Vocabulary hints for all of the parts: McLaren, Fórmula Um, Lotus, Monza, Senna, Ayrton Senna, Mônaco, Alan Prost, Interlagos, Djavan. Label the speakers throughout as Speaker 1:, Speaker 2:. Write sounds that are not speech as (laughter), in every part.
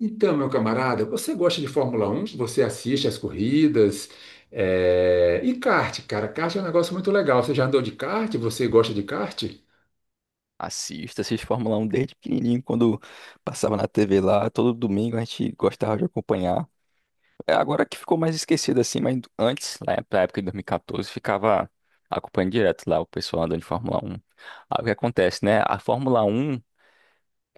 Speaker 1: Então, meu camarada, você gosta de Fórmula Um? Você assiste às corridas? É, e kart, cara, kart é um negócio muito legal. Você já andou de kart? Você gosta de kart?
Speaker 2: Assisto, assisto Fórmula 1 desde pequenininho, quando passava na TV lá, todo domingo a gente gostava de acompanhar. É agora que ficou mais esquecido assim, mas antes, lá pra época de 2014, ficava acompanhando direto lá o pessoal andando de Fórmula 1. Aí o que acontece, né? A Fórmula 1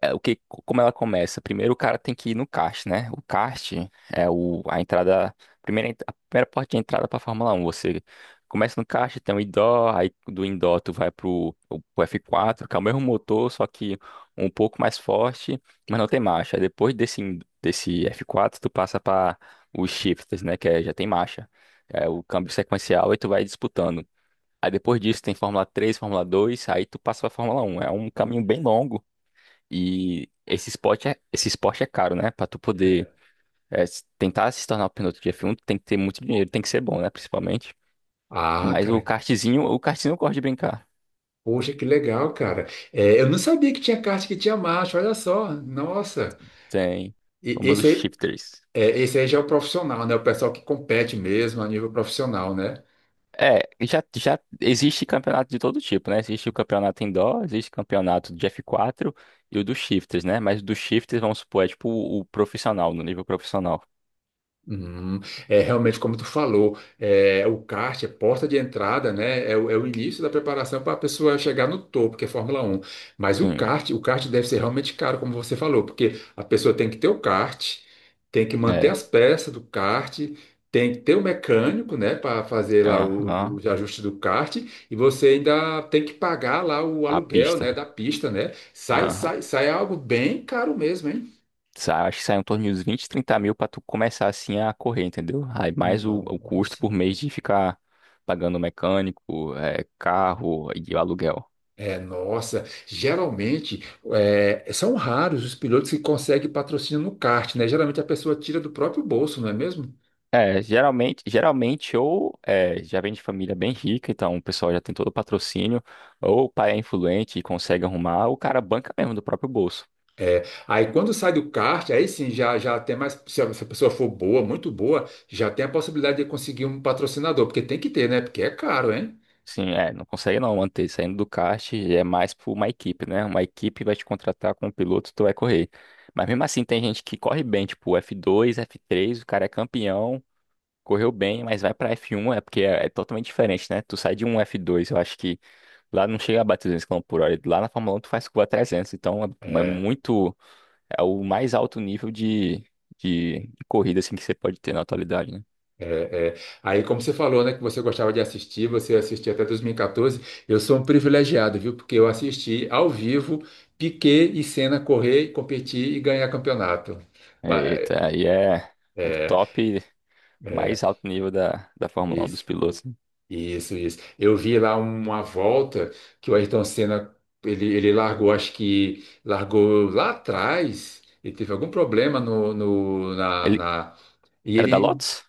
Speaker 2: é, o que, como ela começa? Primeiro o cara tem que ir no kart, né? O kart é o, a entrada, a primeira porta de entrada para Fórmula 1. Você começa no kart, tem um indoor, aí do indoor tu vai pro F4, que é o mesmo motor, só que um pouco mais forte, mas não tem marcha. Aí depois desse F4 tu passa para os shifters, né? Que é, já tem marcha. É o câmbio sequencial e tu vai disputando. Aí depois disso tem Fórmula 3, Fórmula 2, aí tu passa pra Fórmula 1. É um caminho bem longo, e esse esporte é caro, né? Pra tu poder
Speaker 1: É.
Speaker 2: tentar se tornar o piloto de F1, tu tem que ter muito dinheiro, tem que ser bom, né? Principalmente.
Speaker 1: Ah,
Speaker 2: Mas
Speaker 1: cara,
Speaker 2: o kartzinho eu gosto de brincar.
Speaker 1: poxa, que legal, cara. É, eu não sabia que tinha kart que tinha marcha, olha só. Nossa.
Speaker 2: Tem
Speaker 1: E
Speaker 2: o famoso
Speaker 1: esse aí,
Speaker 2: shifters.
Speaker 1: já é o profissional, né? O pessoal que compete mesmo a nível profissional, né?
Speaker 2: É, já existe campeonato de todo tipo, né? Existe o campeonato indoor, existe campeonato de F4 e o dos shifters, né? Mas o do shifters, vamos supor, é tipo o profissional, no nível profissional.
Speaker 1: Hum, é realmente como tu falou, o kart é porta de entrada, né? É, o é o início da preparação para a pessoa chegar no topo, que é Fórmula Um. Mas o
Speaker 2: Sim,
Speaker 1: kart, o kart deve ser realmente caro, como você falou, porque a pessoa tem que ter o kart, tem que manter
Speaker 2: é.
Speaker 1: as peças do kart, tem que ter o mecânico, né, para fazer lá o-
Speaker 2: Aham.
Speaker 1: os ajustes do kart, e você ainda tem que pagar lá o
Speaker 2: A
Speaker 1: aluguel,
Speaker 2: pista.
Speaker 1: né, da pista, né? Sai,
Speaker 2: Aham.
Speaker 1: sai, sai algo bem caro mesmo, hein?
Speaker 2: Acho que sai em torno de uns 20, 30 mil pra tu começar assim a correr, entendeu? Aí mais o custo
Speaker 1: Nossa.
Speaker 2: por mês de ficar pagando mecânico, carro e aluguel.
Speaker 1: É, nossa, geralmente são raros os pilotos que conseguem patrocínio no kart, né? Geralmente a pessoa tira do próprio bolso, não é mesmo?
Speaker 2: É, geralmente ou é, já vem de família bem rica, então o pessoal já tem todo o patrocínio, ou o pai é influente e consegue arrumar, ou o cara banca mesmo do próprio bolso.
Speaker 1: É, aí quando sai do kart, aí sim já, já tem mais. Se a pessoa for boa, muito boa, já tem a possibilidade de conseguir um patrocinador, porque tem que ter, né? Porque é caro, hein?
Speaker 2: Sim, é, não consegue não manter. Saindo do kart é mais por uma equipe, né? Uma equipe vai te contratar com um piloto, tu vai correr. Mas mesmo assim, tem gente que corre bem, tipo F2, F3, o cara é campeão, correu bem, mas vai pra F1, é porque é, é totalmente diferente, né? Tu sai de um F2, eu acho que lá não chega a bater 200 km por hora. E lá na Fórmula 1 tu faz curva 300, então é, é
Speaker 1: É.
Speaker 2: muito. É o mais alto nível de, de corrida, assim, que você pode ter na atualidade, né?
Speaker 1: É, é. Aí, como você falou, né, que você gostava de assistir, você assistia até 2014, eu sou um privilegiado, viu? Porque eu assisti ao vivo Piquet e Senna correr, competir e ganhar campeonato. Pa-
Speaker 2: Eita, aí é o
Speaker 1: É,
Speaker 2: top.
Speaker 1: é,
Speaker 2: Mais alto nível da Fórmula 1 dos
Speaker 1: isso,
Speaker 2: pilotos, né?
Speaker 1: isso, isso. Eu vi lá uma volta que o Ayrton Senna, ele largou, acho que largou lá atrás, ele teve algum problema no, no, na,
Speaker 2: Ele
Speaker 1: na- E
Speaker 2: era da
Speaker 1: ele
Speaker 2: Lotus?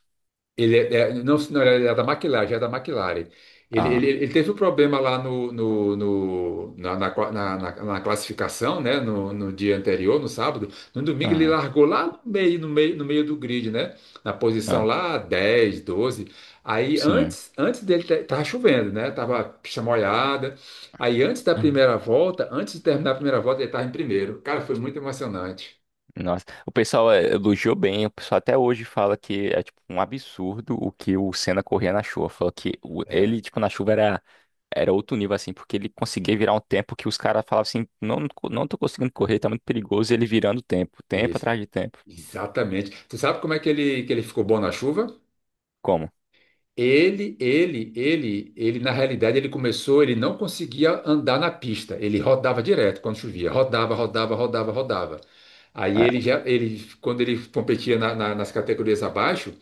Speaker 1: Ele não, não, ele é da McLaren, já é da McLaren. Ele, ele,
Speaker 2: Ah,
Speaker 1: ele teve um problema lá na classificação, né? No, no dia anterior, no sábado. No domingo ele
Speaker 2: ah,
Speaker 1: largou lá no meio do grid, né? Na posição
Speaker 2: ah,
Speaker 1: lá 10, 12. Aí
Speaker 2: sim.
Speaker 1: antes, antes dele tava chovendo, né? Tava chamoyada. Aí antes da
Speaker 2: Uhum.
Speaker 1: primeira volta, antes de terminar a primeira volta, ele tava em primeiro. Cara, foi muito emocionante.
Speaker 2: Nossa, o pessoal elogiou bem, o pessoal até hoje fala que é tipo um absurdo o que o Senna corria na chuva. Falou que
Speaker 1: É,
Speaker 2: ele, tipo, na chuva era, era outro nível, assim, porque ele conseguia virar um tempo que os caras falavam assim, não, não tô conseguindo correr, tá muito perigoso, e ele virando tempo, tempo
Speaker 1: isso.
Speaker 2: atrás de tempo.
Speaker 1: Exatamente. Você sabe como é que ele ficou bom na chuva?
Speaker 2: Como?
Speaker 1: Ele, na realidade, ele começou, ele não conseguia andar na pista, ele rodava direto quando chovia, rodava, rodava, rodava, rodava. Aí
Speaker 2: É,
Speaker 1: ele já, ele, quando ele competia nas categorias abaixo,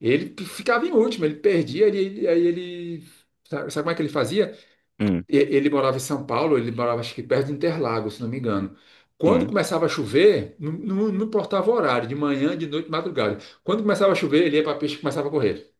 Speaker 1: ele ficava em último, ele perdia, sabe como é que ele fazia?
Speaker 2: hum,
Speaker 1: Ele morava em São Paulo, ele morava acho que perto de Interlagos, se não me engano. Quando
Speaker 2: sim,
Speaker 1: começava a chover, não, não importava o horário, de manhã, de noite, de madrugada. Quando começava a chover, ele ia para a pista e começava a correr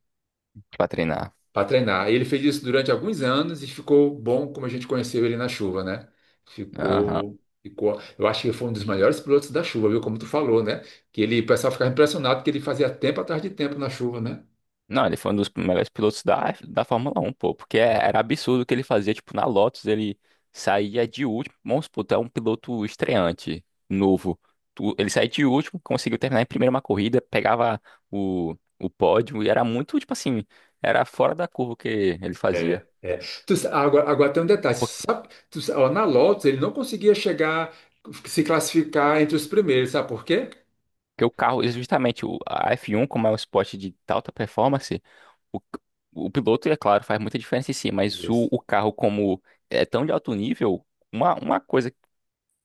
Speaker 2: pra treinar.
Speaker 1: para treinar. E ele fez isso durante alguns anos e ficou bom como a gente conheceu ele na chuva, né? Ficou, ficou. Eu acho que ele foi um dos melhores pilotos da chuva, viu? Como tu falou, né? O pessoal ficava impressionado que ele fazia tempo atrás de tempo na chuva, né?
Speaker 2: Não, ele foi um dos melhores pilotos da, da Fórmula 1, pô, porque era absurdo o que ele fazia, tipo, na Lotus ele saía de último. Vamos supor, tu é um piloto estreante, novo, ele saía de último, conseguiu terminar em primeira uma corrida, pegava o pódio, e era muito, tipo assim, era fora da curva o que ele
Speaker 1: É,
Speaker 2: fazia.
Speaker 1: é. Agora tem um detalhe.
Speaker 2: Porque
Speaker 1: Sabe, ó, na Lotus ele não conseguia chegar, se classificar entre os primeiros, sabe por quê?
Speaker 2: o carro, e justamente a F1, como é um esporte de alta performance, o, o piloto, é claro, faz muita diferença em si, mas o,
Speaker 1: Isso.
Speaker 2: o carro, como é tão de alto nível, uma, uma coisa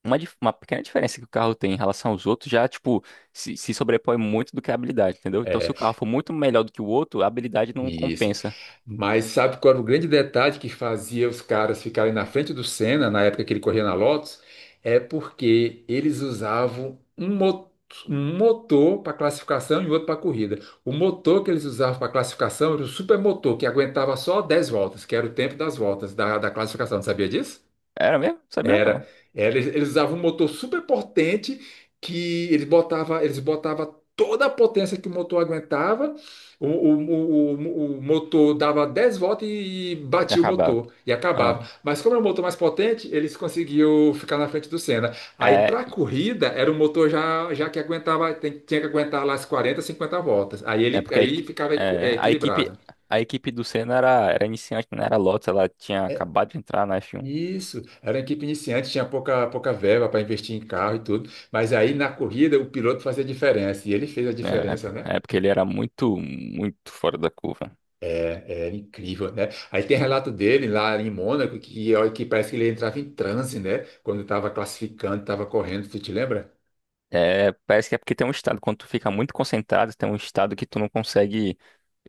Speaker 2: uma pequena diferença que o carro tem em relação aos outros já, tipo, se sobrepõe muito do que a habilidade, entendeu? Então, se o carro for muito melhor do que o outro, a habilidade não
Speaker 1: Isso.
Speaker 2: compensa.
Speaker 1: Mas sabe qual era o grande detalhe que fazia os caras ficarem na frente do Senna na época que ele corria na Lotus? É porque eles usavam um motor para classificação e outro para corrida. O motor que eles usavam para classificação era o supermotor, que aguentava só 10 voltas, que era o tempo das voltas da classificação. Sabia disso?
Speaker 2: Era mesmo? Sabia
Speaker 1: Era,
Speaker 2: não.
Speaker 1: era, eles usavam um motor super potente que eles botava toda a potência que o motor aguentava. O, o, o motor dava 10 voltas e
Speaker 2: Já
Speaker 1: batia o
Speaker 2: acabava.
Speaker 1: motor e
Speaker 2: Ah,
Speaker 1: acabava. Mas como era um motor mais potente, eles conseguiam ficar na frente do Senna. Aí
Speaker 2: é,
Speaker 1: para a corrida era um motor já que aguentava, tinha que aguentar lá as 40, 50 voltas. Aí
Speaker 2: é
Speaker 1: ele
Speaker 2: porque
Speaker 1: aí ficava
Speaker 2: é, a equipe
Speaker 1: equilibrado.
Speaker 2: a equipe do Senna era, era iniciante, não era Lotus, ela tinha acabado de entrar na F1.
Speaker 1: Isso, era uma equipe iniciante, tinha pouca, pouca verba para investir em carro e tudo, mas aí na corrida o piloto fazia diferença, e ele fez a
Speaker 2: Né?
Speaker 1: diferença, né?
Speaker 2: É porque ele era muito, muito fora da curva.
Speaker 1: É, é incrível, né? Aí tem relato dele lá em Mônaco, que, ó, que parece que ele entrava em transe, né? Quando estava classificando, estava correndo, tu te lembra?
Speaker 2: É, parece que é porque tem um estado, quando tu fica muito concentrado, tem um estado que tu não consegue,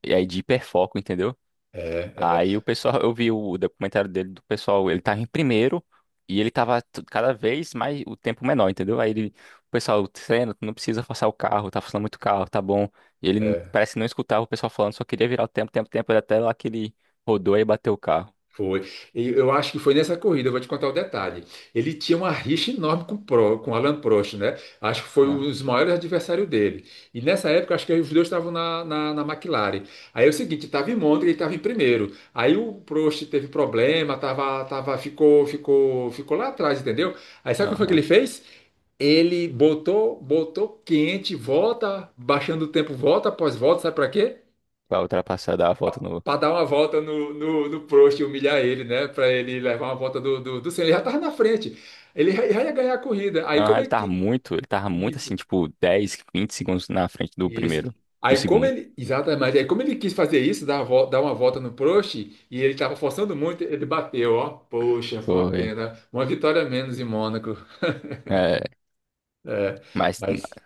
Speaker 2: é de hiperfoco, entendeu?
Speaker 1: É,
Speaker 2: Aí o
Speaker 1: é.
Speaker 2: pessoal, eu vi o documentário dele do pessoal, ele tava em primeiro, e ele tava cada vez mais o tempo menor, entendeu? Aí ele, o pessoal, treina, tu não precisa forçar o carro, tá forçando muito o carro, tá bom. E ele
Speaker 1: É.
Speaker 2: parece que não escutava o pessoal falando, só queria virar o tempo, tempo, tempo, até lá que ele rodou e bateu o carro.
Speaker 1: Foi. E eu acho que foi nessa corrida, eu vou te contar o detalhe. Ele tinha uma rixa enorme com o Alan Prost, né? Acho que foi um
Speaker 2: Ah,
Speaker 1: dos maiores adversários dele. E nessa época, acho que os dois estavam na McLaren. Aí é o seguinte, estava em Monza e ele estava em primeiro. Aí o Prost teve problema, ficou, ficou, ficou lá atrás, entendeu? Aí sabe o que foi que ele
Speaker 2: aham.
Speaker 1: fez? Ele botou, botou quente, volta, baixando o tempo, volta após volta, sabe para quê?
Speaker 2: Pra ultrapassar, dar a volta no.
Speaker 1: Para dar uma volta no Prost e humilhar ele, né? Para ele levar uma volta do Senna. Ele já tava na frente. Ele já ia ganhar a corrida. Aí
Speaker 2: Aham,
Speaker 1: como
Speaker 2: ele
Speaker 1: é
Speaker 2: tava
Speaker 1: que.
Speaker 2: muito, ele tava muito assim,
Speaker 1: Isso,
Speaker 2: tipo, 10 20 segundos na frente do
Speaker 1: isso.
Speaker 2: primeiro, do
Speaker 1: Aí como
Speaker 2: segundo.
Speaker 1: ele. Exatamente. Aí como ele quis fazer isso, dar uma volta no Prost, e ele estava forçando muito, ele bateu, ó. Poxa, foi uma
Speaker 2: Foi.
Speaker 1: pena. Uma vitória a menos em Mônaco.
Speaker 2: É,
Speaker 1: É,
Speaker 2: mas
Speaker 1: mas.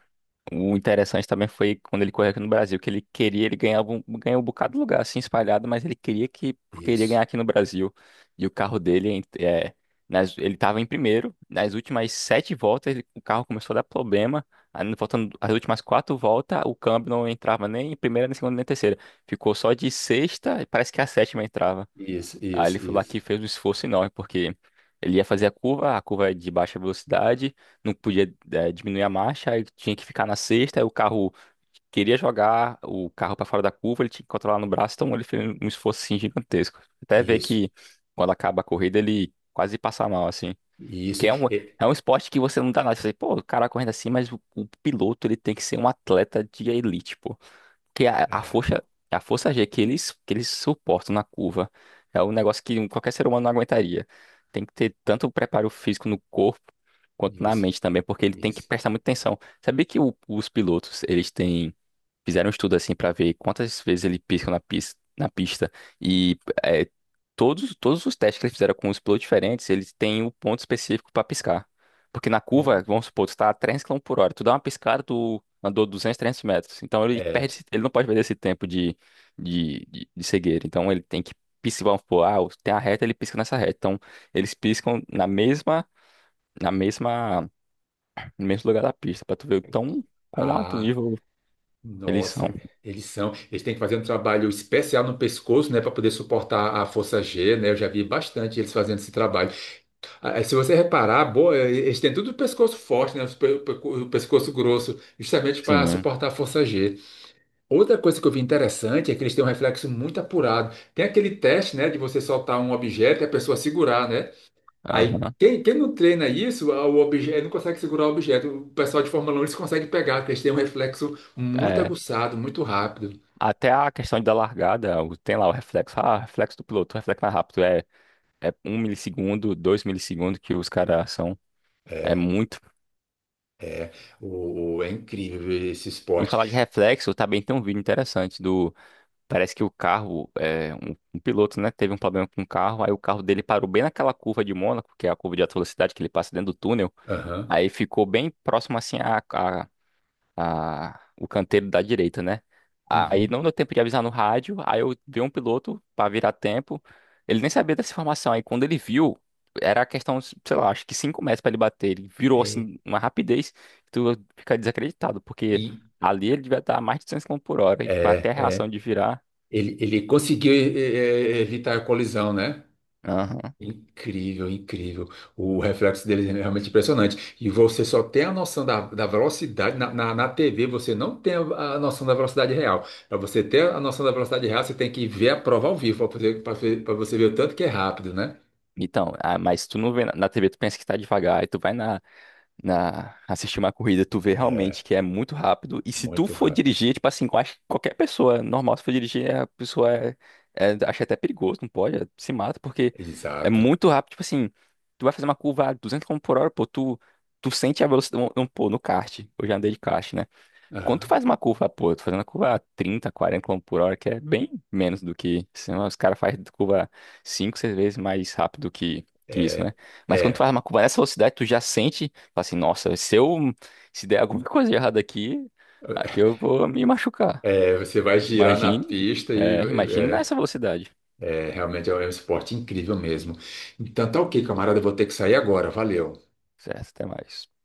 Speaker 2: o interessante também foi quando ele correu aqui no Brasil, que ele queria, ele ganhava um, ganhou um bocado de lugar assim espalhado, mas ele queria que queria ganhar
Speaker 1: Isso,
Speaker 2: aqui no Brasil. E o carro dele ele estava em primeiro, nas últimas 7 voltas o carro começou a dar problema. Aí, faltando as últimas 4 voltas, o câmbio não entrava nem em primeira, nem em segunda, nem em terceira. Ficou só de sexta, e parece que a sétima entrava.
Speaker 1: isso,
Speaker 2: Aí ele
Speaker 1: isso,
Speaker 2: foi lá,
Speaker 1: isso,
Speaker 2: que fez um esforço enorme, porque ele ia fazer a curva é de baixa velocidade, não podia diminuir a marcha, aí tinha que ficar na sexta, aí o carro queria jogar o carro para fora da curva, ele tinha que controlar no braço, então ele fez um esforço assim, gigantesco. Até ver
Speaker 1: isso,
Speaker 2: que, quando acaba a corrida, ele quase passa mal, assim. Porque
Speaker 1: isso. É,
Speaker 2: é um esporte que você não dá nada. Você, pô, o cara correndo assim, mas o piloto ele tem que ser um atleta de elite, que a,
Speaker 1: é,
Speaker 2: a força G que eles suportam na curva é um negócio que qualquer ser humano não aguentaria. Tem que ter tanto preparo físico no corpo quanto na
Speaker 1: isso,
Speaker 2: mente também, porque ele tem que
Speaker 1: isso.
Speaker 2: prestar muita atenção. Sabia que os pilotos, eles têm. Fizeram um estudo assim para ver quantas vezes ele pisca na pista e é, todos os testes que eles fizeram com os pilotos diferentes, eles têm um ponto específico para piscar. Porque na curva,
Speaker 1: É.
Speaker 2: vamos supor, tu tá a 300 km por hora, tu dá uma piscada, tu andou 200, 300 metros. Então ele perde,
Speaker 1: É.
Speaker 2: ele não pode perder esse tempo de, de cegueira. Então ele tem que piscar. Vamos supor, tem a reta, ele pisca nessa reta. Então eles piscam na mesma, no mesmo lugar da pista, para tu ver o quão alto
Speaker 1: Ah.
Speaker 2: nível eles são.
Speaker 1: Nossa, eles são. Eles têm que fazer um trabalho especial no pescoço, né, para poder suportar a força G, né? Eu já vi bastante eles fazendo esse trabalho. Ah, é, se você reparar, eles têm tudo o pescoço forte, né? O pescoço grosso, justamente para
Speaker 2: Sim.
Speaker 1: suportar a força G. Outra coisa que eu vi interessante é que eles têm um reflexo muito apurado. Tem aquele teste, né, de você soltar um objeto e a pessoa segurar, né? Aí,
Speaker 2: Aham.
Speaker 1: quem, quem não treina isso, o objeto não consegue segurar o objeto. O pessoal de Fórmula um eles conseguem pegar, porque eles têm um reflexo muito
Speaker 2: É,
Speaker 1: aguçado, muito rápido.
Speaker 2: até a questão da largada, tem lá o reflexo, reflexo do piloto, reflexo mais rápido, é um milissegundo, dois milissegundos que os caras são, é
Speaker 1: É,
Speaker 2: muito.
Speaker 1: é, é incrível esse
Speaker 2: Em
Speaker 1: esporte.
Speaker 2: falar de reflexo, também tem um vídeo interessante do, parece que o carro, um piloto, né, teve um problema com o carro, aí o carro dele parou bem naquela curva de Mônaco, que é a curva de alta velocidade que ele passa dentro do túnel,
Speaker 1: Aham.
Speaker 2: aí ficou bem próximo, assim, o canteiro da direita, né? Aí
Speaker 1: Uhum.
Speaker 2: não deu tempo de avisar no rádio, aí eu vi um piloto para virar tempo. Ele nem sabia dessa informação, aí quando ele viu, era a questão, sei lá, acho que 5 metros para ele bater. Ele virou
Speaker 1: É,
Speaker 2: assim, uma rapidez, que tu fica desacreditado, porque
Speaker 1: e
Speaker 2: ali ele devia estar a mais de 200 km por hora, e
Speaker 1: é,
Speaker 2: até a reação
Speaker 1: é,
Speaker 2: de virar.
Speaker 1: ele conseguiu evitar a colisão, né?
Speaker 2: Aham.
Speaker 1: Incrível, incrível. O reflexo deles é realmente impressionante. E você só tem a noção da velocidade. Na TV, você não tem a noção da velocidade real. Para você ter a noção da velocidade real, você tem que ver a prova ao vivo para você ver o tanto que é rápido, né?
Speaker 2: Então, mas tu não vê na, na TV, tu pensa que tá devagar, e tu vai na, na assistir uma corrida, tu vê
Speaker 1: É,
Speaker 2: realmente que é muito rápido. E se tu
Speaker 1: muito
Speaker 2: for
Speaker 1: rápido.
Speaker 2: dirigir, tipo assim, eu acho que qualquer pessoa é normal, se for dirigir, a pessoa é, acha até perigoso, não pode, se mata, porque é
Speaker 1: Exato.
Speaker 2: muito rápido. Tipo assim, tu vai fazer uma curva a 200 km por hora, pô, tu sente a velocidade. Pô, no kart, eu já andei de kart, né? Quando tu
Speaker 1: Ah,
Speaker 2: faz uma curva, pô, tu fazendo a curva a 30, 40 km por hora, que é bem menos do que. Senão os caras fazem curva 5, 6 vezes mais rápido que isso,
Speaker 1: é,
Speaker 2: né? Mas quando tu faz
Speaker 1: é,
Speaker 2: uma curva nessa velocidade, tu já sente, fala assim, nossa, se eu. Se der alguma (laughs) coisa errada aqui, aqui eu vou me machucar.
Speaker 1: é. Você vai girar na
Speaker 2: Imagine.
Speaker 1: pista e.
Speaker 2: É, imagine nessa
Speaker 1: É,
Speaker 2: velocidade.
Speaker 1: é, realmente é um esporte incrível mesmo. Então tá ok, camarada. Eu vou ter que sair agora. Valeu.
Speaker 2: Certo, até mais.